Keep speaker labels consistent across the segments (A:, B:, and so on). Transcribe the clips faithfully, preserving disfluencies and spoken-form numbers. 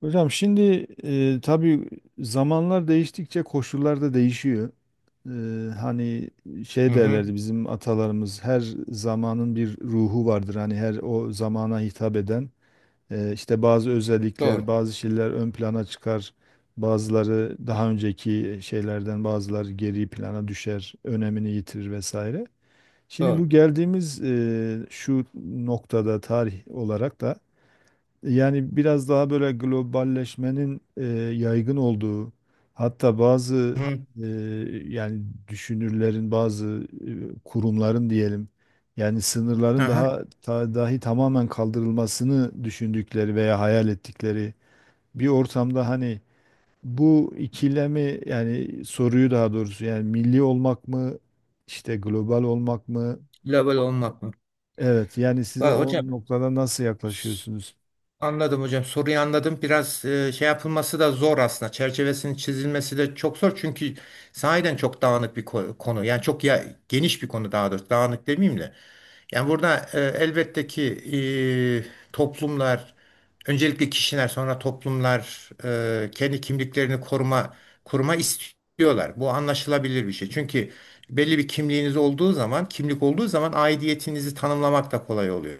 A: Hocam şimdi e, tabii zamanlar değiştikçe koşullar da değişiyor. E, hani
B: Hı
A: şey
B: hı.
A: derlerdi bizim atalarımız her zamanın bir ruhu vardır. Hani her o zamana hitap eden e, işte bazı özellikler,
B: Doğru.
A: bazı şeyler ön plana çıkar. Bazıları daha önceki şeylerden bazıları geri plana düşer, önemini yitirir vesaire. Şimdi
B: Doğru.
A: bu geldiğimiz e, şu noktada tarih olarak da yani biraz daha böyle globalleşmenin e, yaygın olduğu, hatta bazı
B: Hı hı.
A: e, yani düşünürlerin, bazı e, kurumların diyelim, yani sınırların
B: Aha.
A: daha ta- dahi tamamen kaldırılmasını düşündükleri veya hayal ettikleri bir ortamda hani bu ikilemi yani soruyu daha doğrusu yani milli olmak mı işte global olmak mı?
B: Level olmak mı?
A: Evet yani siz
B: Var
A: o
B: hocam.
A: noktada nasıl yaklaşıyorsunuz?
B: Anladım hocam. Soruyu anladım. Biraz e, şey yapılması da zor aslında. Çerçevesinin çizilmesi de çok zor. Çünkü sahiden çok dağınık bir ko- konu. Yani çok ya, geniş bir konu daha doğrusu. Dağınık demeyeyim de. Yani burada e, elbette ki e, toplumlar, öncelikle kişiler, sonra toplumlar e, kendi kimliklerini koruma koruma istiyorlar. Bu anlaşılabilir bir şey. Çünkü belli bir kimliğiniz olduğu zaman, kimlik olduğu zaman aidiyetinizi tanımlamak da kolay oluyor.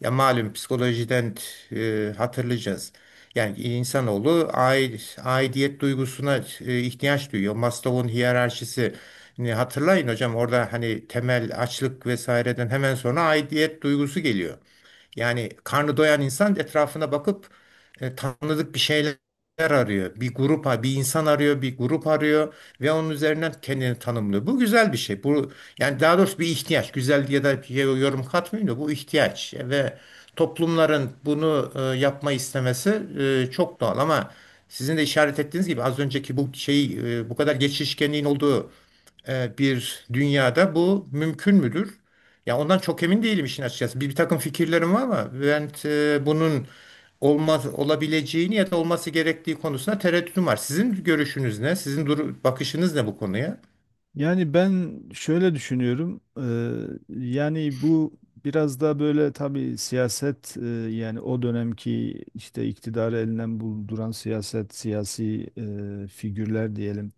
B: Ya malum psikolojiden e, hatırlayacağız. Yani insanoğlu aid, aidiyet duygusuna e, ihtiyaç duyuyor. Maslow'un hiyerarşisini hatırlayın hocam. Orada hani temel açlık vesaireden hemen sonra aidiyet duygusu geliyor. Yani karnı doyan insan etrafına bakıp e, tanıdık bir şeyler arıyor. Bir grup, bir insan arıyor, bir grup arıyor ve onun üzerinden kendini tanımlıyor. Bu güzel bir şey. Bu yani daha doğrusu bir ihtiyaç. Güzel diye de bir şey- yorum katmıyorum da bu ihtiyaç ve toplumların bunu e, yapma istemesi e, çok doğal, ama sizin de işaret ettiğiniz gibi az önceki bu şey e, bu kadar geçişkenliğin olduğu e, bir dünyada bu mümkün müdür? Ya ondan çok emin değilim işin açıkçası. Bir, bir takım fikirlerim var ama ben e, bunun olmaz olabileceğini ya da olması gerektiği konusunda tereddütüm var. Sizin görüşünüz ne? Sizin duru- bakışınız ne bu konuya?
A: Yani ben şöyle düşünüyorum. Eee, yani bu biraz da böyle tabii siyaset eee, yani o dönemki işte iktidarı elinden bulduran siyaset, siyasi eee, figürler diyelim.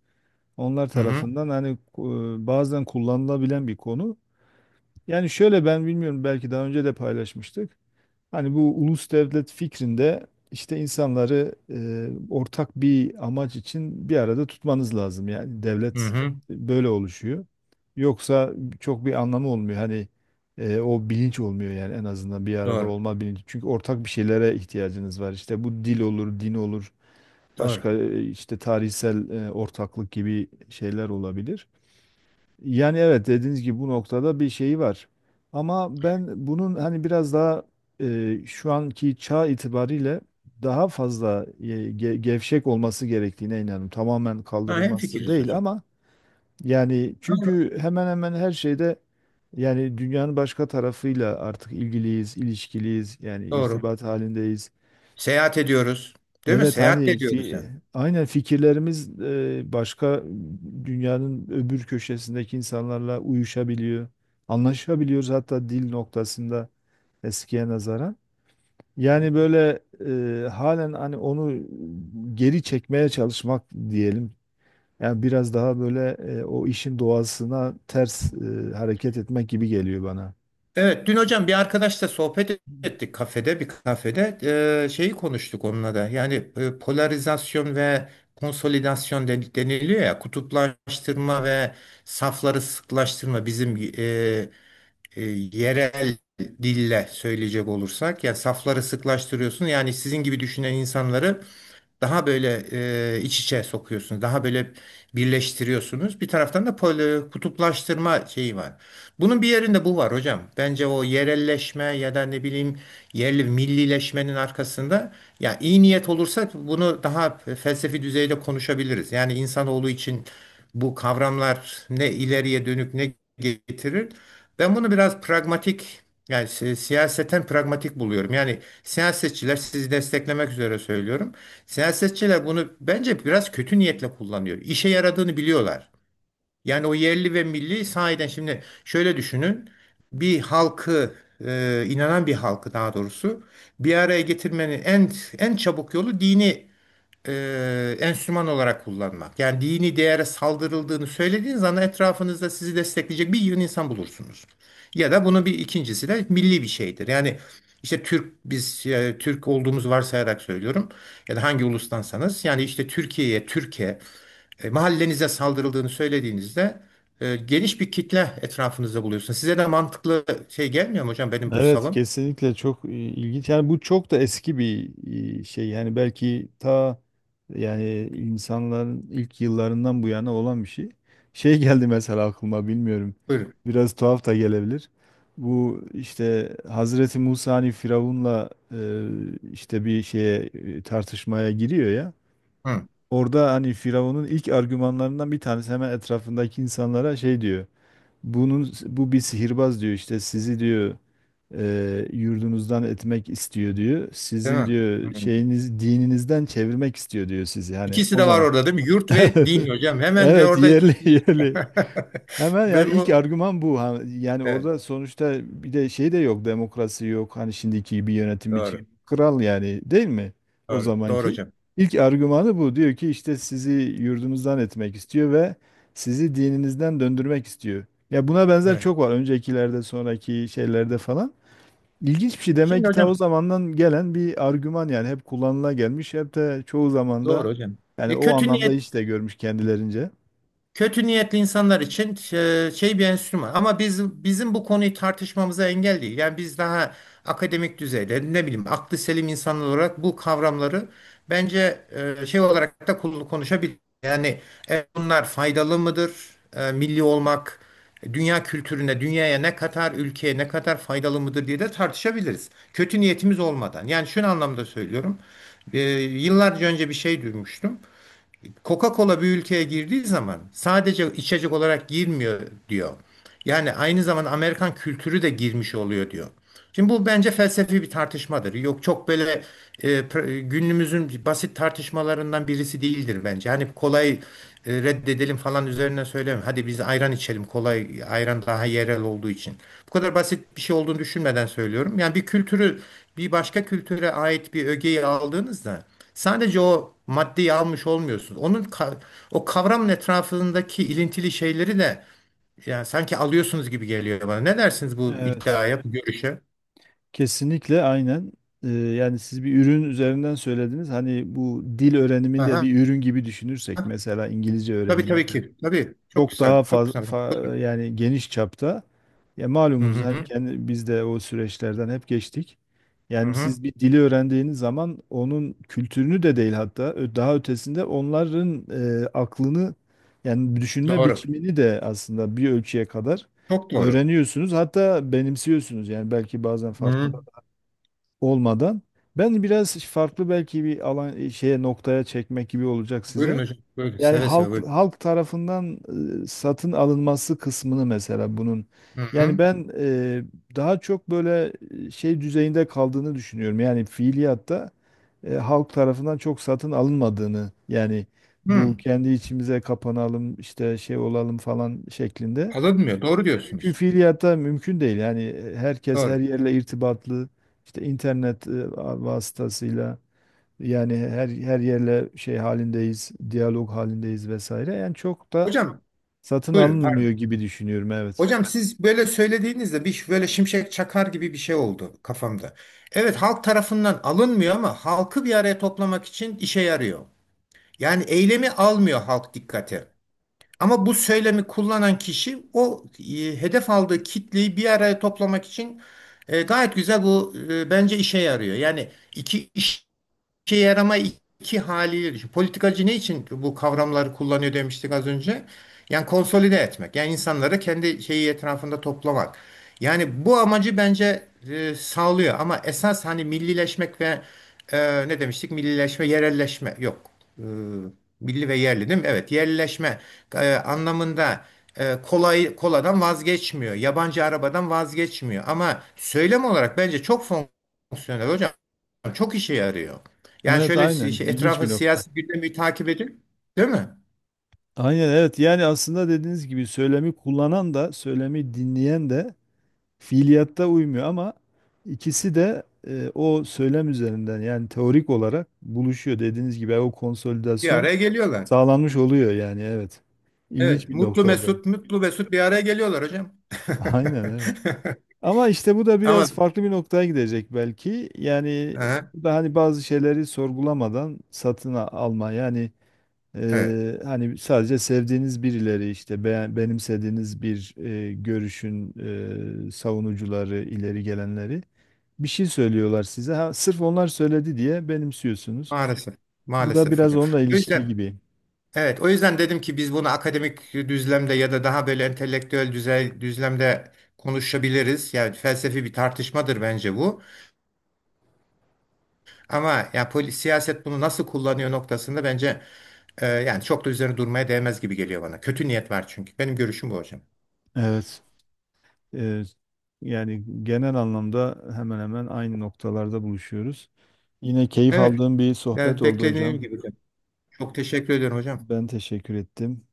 A: Onlar
B: Hı hı.
A: tarafından hani eee, bazen kullanılabilen bir konu. Yani şöyle ben bilmiyorum belki daha önce de paylaşmıştık. Hani bu ulus devlet fikrinde işte insanları e, ortak bir amaç için bir arada tutmanız lazım. Yani
B: Hı
A: devlet
B: hı.
A: böyle oluşuyor. Yoksa çok bir anlamı olmuyor. Hani e, o bilinç olmuyor yani en azından bir arada
B: Doğru.
A: olma bilinci. Çünkü ortak bir şeylere ihtiyacınız var. İşte bu dil olur, din olur,
B: Doğru.
A: başka e, işte tarihsel e, ortaklık gibi şeyler olabilir. Yani evet dediğiniz gibi bu noktada bir şeyi var. Ama ben bunun hani biraz daha e, şu anki çağ itibariyle daha fazla e, ge- gevşek olması gerektiğine inanıyorum. Tamamen
B: Ha,
A: kaldırılması
B: hemfikiriz
A: değil
B: hocam.
A: ama yani
B: Aynen.
A: çünkü hemen hemen her şeyde yani dünyanın başka tarafıyla artık ilgiliyiz, ilişkiliyiz, yani
B: Doğru.
A: irtibat halindeyiz.
B: Seyahat ediyoruz. Değil mi?
A: Evet
B: Seyahat de
A: hani
B: ediyoruz
A: fi,
B: yani.
A: aynen fikirlerimiz e, başka dünyanın öbür köşesindeki insanlarla uyuşabiliyor. Anlaşabiliyoruz hatta dil noktasında eskiye nazaran. Yani böyle e, halen hani onu geri çekmeye çalışmak diyelim. Yani biraz daha böyle e, o işin doğasına ters e, hareket etmek gibi geliyor bana.
B: Evet, dün hocam bir arkadaşla sohbet ettik kafede, bir kafede. Ee, şeyi konuştuk onunla da. Yani e, polarizasyon ve konsolidasyon den- deniliyor ya, kutuplaştırma ve safları sıklaştırma bizim e, e, yerel dille söyleyecek olursak. Yani safları sıklaştırıyorsun. Yani sizin gibi düşünen insanları daha böyle e, iç içe sokuyorsunuz. Daha böyle birleştiriyorsunuz. Bir taraftan da pol- kutuplaştırma şeyi var. Bunun bir yerinde bu var hocam. Bence o yerelleşme ya da ne bileyim yerli millileşmenin arkasında ya iyi niyet olursa bunu daha felsefi düzeyde konuşabiliriz. Yani insanoğlu için bu kavramlar ne ileriye dönük ne getirir. Ben bunu biraz pragmatik yani si- siyaseten pragmatik buluyorum. Yani siyasetçiler sizi desteklemek üzere söylüyorum. Siyasetçiler bunu bence biraz kötü niyetle kullanıyor. İşe yaradığını biliyorlar. Yani o yerli ve milli sahiden şimdi şöyle düşünün. Bir halkı e, inanan bir halkı daha doğrusu bir araya getirmenin en en çabuk yolu dini e, enstrüman olarak kullanmak. Yani dini değere saldırıldığını söylediğiniz zaman etrafınızda sizi destekleyecek bir yığın insan bulursunuz. Ya da bunun bir ikincisi de milli bir şeydir. Yani işte Türk biz e, Türk olduğumuzu varsayarak söylüyorum ya da hangi ulustansanız yani işte Türkiye'ye, Türkiye e, mahallenize saldırıldığını söylediğinizde e, geniş bir kitle etrafınızda buluyorsunuz. Size de mantıklı şey gelmiyor mu hocam benim bu
A: Evet
B: savım?
A: kesinlikle çok e, ilginç. Yani bu çok da eski bir e, şey. Yani belki ta yani insanların ilk yıllarından bu yana olan bir şey. Şey geldi mesela aklıma bilmiyorum.
B: Buyurun.
A: Biraz tuhaf da gelebilir. Bu işte Hazreti Musa hani Firavun'la e, işte bir şeye e, tartışmaya giriyor ya.
B: Hı,
A: Orada hani Firavun'un ilk argümanlarından bir tanesi hemen etrafındaki insanlara şey diyor. Bunun bu bir sihirbaz diyor işte sizi diyor e, yurdunuzdan etmek istiyor diyor.
B: değil
A: Sizin
B: mi?
A: diyor
B: Hı.
A: şeyiniz dininizden çevirmek istiyor diyor sizi. Hani
B: İkisi
A: o
B: de var
A: zaman.
B: orada değil mi? Yurt ve
A: Evet.
B: din hocam. Hemen de
A: Evet
B: orada
A: yerli
B: iki...
A: yerli. Hemen yani
B: Ben
A: ilk
B: bu,
A: argüman bu. Ha, yani
B: evet,
A: orada sonuçta bir de şey de yok, demokrasi yok. Hani şimdiki gibi yönetim biçimi
B: doğru.
A: kral yani değil mi? O
B: Doğru. Doğru
A: zamanki.
B: hocam.
A: İlk argümanı bu. Diyor ki işte sizi yurdunuzdan etmek istiyor ve sizi dininizden döndürmek istiyor. Ya buna benzer
B: Evet.
A: çok var. Öncekilerde, sonraki şeylerde falan. İlginç bir şey. Demek
B: Şimdi
A: ki ta o
B: hocam,
A: zamandan gelen bir argüman yani hep kullanıla gelmiş. Hep de çoğu zamanda
B: doğru hocam.
A: yani
B: E,
A: o
B: kötü
A: anlamda
B: niyet
A: hiç de görmüş kendilerince.
B: Kötü niyetli insanlar için e, şey, bir enstrüman. Ama biz, bizim bu konuyu tartışmamıza engel değil. Yani biz daha akademik düzeyde ne bileyim aklı selim insanlar olarak bu kavramları bence e, şey olarak da kul- konuşabiliriz. Yani e, bunlar faydalı mıdır? E, Milli olmak e, dünya kültürüne, dünyaya ne kadar, ülkeye ne kadar faydalı mıdır diye de tartışabiliriz. Kötü niyetimiz olmadan. Yani şunu anlamda söylüyorum. E, yıllarca önce bir şey duymuştum. Coca-Cola bir ülkeye girdiği zaman sadece içecek olarak girmiyor, diyor. Yani aynı zamanda Amerikan kültürü de girmiş oluyor, diyor. Şimdi bu bence felsefi bir tartışmadır. Yok, çok böyle e, pr- günümüzün basit tartışmalarından birisi değildir bence. Hani kolay e, reddedelim falan üzerine söylemiyorum. Hadi biz ayran içelim, kolay ayran daha yerel olduğu için. Bu kadar basit bir şey olduğunu düşünmeden söylüyorum. Yani bir kültürü, bir başka kültüre ait bir ögeyi aldığınızda sadece o maddeyi almış olmuyorsunuz. Onun ka- o kavramın etrafındaki ilintili şeyleri de yani sanki alıyorsunuz gibi geliyor bana. Ne dersiniz bu
A: Evet.
B: iddiaya, bu görüşe?
A: Kesinlikle aynen. Ee, yani siz bir ürün üzerinden söylediniz. Hani bu dil öğrenimini de
B: Aha.
A: bir ürün gibi düşünürsek mesela İngilizce
B: Tabii,
A: öğrenimi
B: tabii ki. Tabii. Çok
A: çok
B: güzel.
A: daha
B: Çok güzel hocam.
A: fazla yani geniş çapta. Ya
B: Buyurun.
A: malumunuz
B: Hı
A: hani
B: hı.
A: kendi biz de o süreçlerden hep geçtik.
B: Hı
A: Yani
B: hı.
A: siz bir dili öğrendiğiniz zaman onun kültürünü de değil hatta ö- daha ötesinde onların e, aklını yani düşünme
B: Doğru.
A: biçimini de aslında bir ölçüye kadar
B: Çok doğru.
A: öğreniyorsunuz. Hatta benimsiyorsunuz yani belki bazen
B: Hı.
A: farkında olmadan. Ben biraz farklı belki bir alan e, şeye noktaya çekmek gibi olacak
B: Buyurun
A: size.
B: hocam. Buyurun.
A: Yani
B: Seve seve
A: halk
B: buyurun.
A: halk tarafından e, satın alınması kısmını mesela bunun.
B: Hı
A: Yani
B: hı.
A: ben e, daha çok böyle e, şey düzeyinde kaldığını düşünüyorum. Yani fiiliyatta e, halk tarafından çok satın alınmadığını yani bu
B: Hı.
A: kendi içimize kapanalım işte şey olalım falan şeklinde.
B: Alınmıyor. Doğru
A: Çünkü
B: diyorsunuz.
A: fiiliyatta mümkün değil. Yani e, herkes her
B: Doğru.
A: yerle irtibatlı. İşte internet e, vasıtasıyla yani her her yerle şey halindeyiz, diyalog halindeyiz vesaire. Yani çok da
B: Hocam
A: satın
B: buyurun. Pardon.
A: alınmıyor gibi düşünüyorum evet.
B: Hocam siz böyle söylediğinizde bir ş- böyle şimşek çakar gibi bir şey oldu kafamda. Evet, halk tarafından alınmıyor ama halkı bir araya toplamak için işe yarıyor. Yani eylemi almıyor halk dikkate. Ama bu söylemi kullanan kişi o e, hedef aldığı kitleyi bir araya toplamak için e, gayet güzel bu, e, bence işe yarıyor. Yani iki iş İşe yarama iki haliyle düşün. Politikacı ne için bu kavramları kullanıyor demiştik az önce? Yani konsolide etmek. Yani insanları kendi şeyi etrafında toplamak. Yani bu amacı bence e, sağlıyor. Ama esas hani millileşmek ve e, ne demiştik? Millileşme, yerelleşme. Yok. E, milli ve yerli değil mi? Evet. Yerelleşme e, anlamında e, kolay koladan vazgeçmiyor. Yabancı arabadan vazgeçmiyor. Ama söylem olarak bence çok fonksiyonel hocam. Çok işe yarıyor. Yani
A: Evet
B: şöyle
A: aynen
B: si- şey,
A: ilginç
B: etrafın
A: bir nokta.
B: siyasi gündemi takip edin, değil mi?
A: Aynen evet yani aslında dediğiniz gibi söylemi kullanan da söylemi dinleyen de fiiliyatta uymuyor ama ikisi de e, o söylem üzerinden yani teorik olarak buluşuyor. Dediğiniz gibi o
B: Bir
A: konsolidasyon
B: araya geliyorlar.
A: sağlanmış oluyor yani evet. İlginç
B: Evet,
A: bir
B: mutlu
A: nokta o da.
B: mesut, mutlu mesut bir araya geliyorlar hocam.
A: Aynen evet. Ama işte bu da
B: Ama
A: biraz farklı bir noktaya gidecek belki. Yani
B: Aha,
A: bu da hani bazı şeyleri sorgulamadan satın a- alma. Yani
B: evet,
A: Eee, hani sadece sevdiğiniz birileri işte beğen- benimsediğiniz bir eee, görüşün eee, savunucuları, ileri gelenleri bir şey söylüyorlar size. Ha, sırf onlar söyledi diye benimsiyorsunuz.
B: maalesef,
A: Bu da
B: maalesef
A: biraz
B: hocam.
A: onunla
B: O
A: ilişkili
B: yüzden,
A: gibi.
B: evet, o yüzden dedim ki biz bunu akademik düzlemde ya da daha böyle entelektüel düzey, düzlemde konuşabiliriz. Yani felsefi bir tartışmadır bence bu. Ama ya polis siyaset bunu nasıl kullanıyor noktasında bence Ee, yani çok da üzerine durmaya değmez gibi geliyor bana. Kötü niyet var çünkü. Benim görüşüm bu hocam.
A: Evet. Eee, Yani genel anlamda hemen hemen aynı noktalarda buluşuyoruz. Yine keyif
B: Evet,
A: aldığım bir sohbet
B: yani
A: oldu
B: beklediğim
A: hocam.
B: gibi, hocam. Çok teşekkür ediyorum hocam.
A: Ben teşekkür ettim.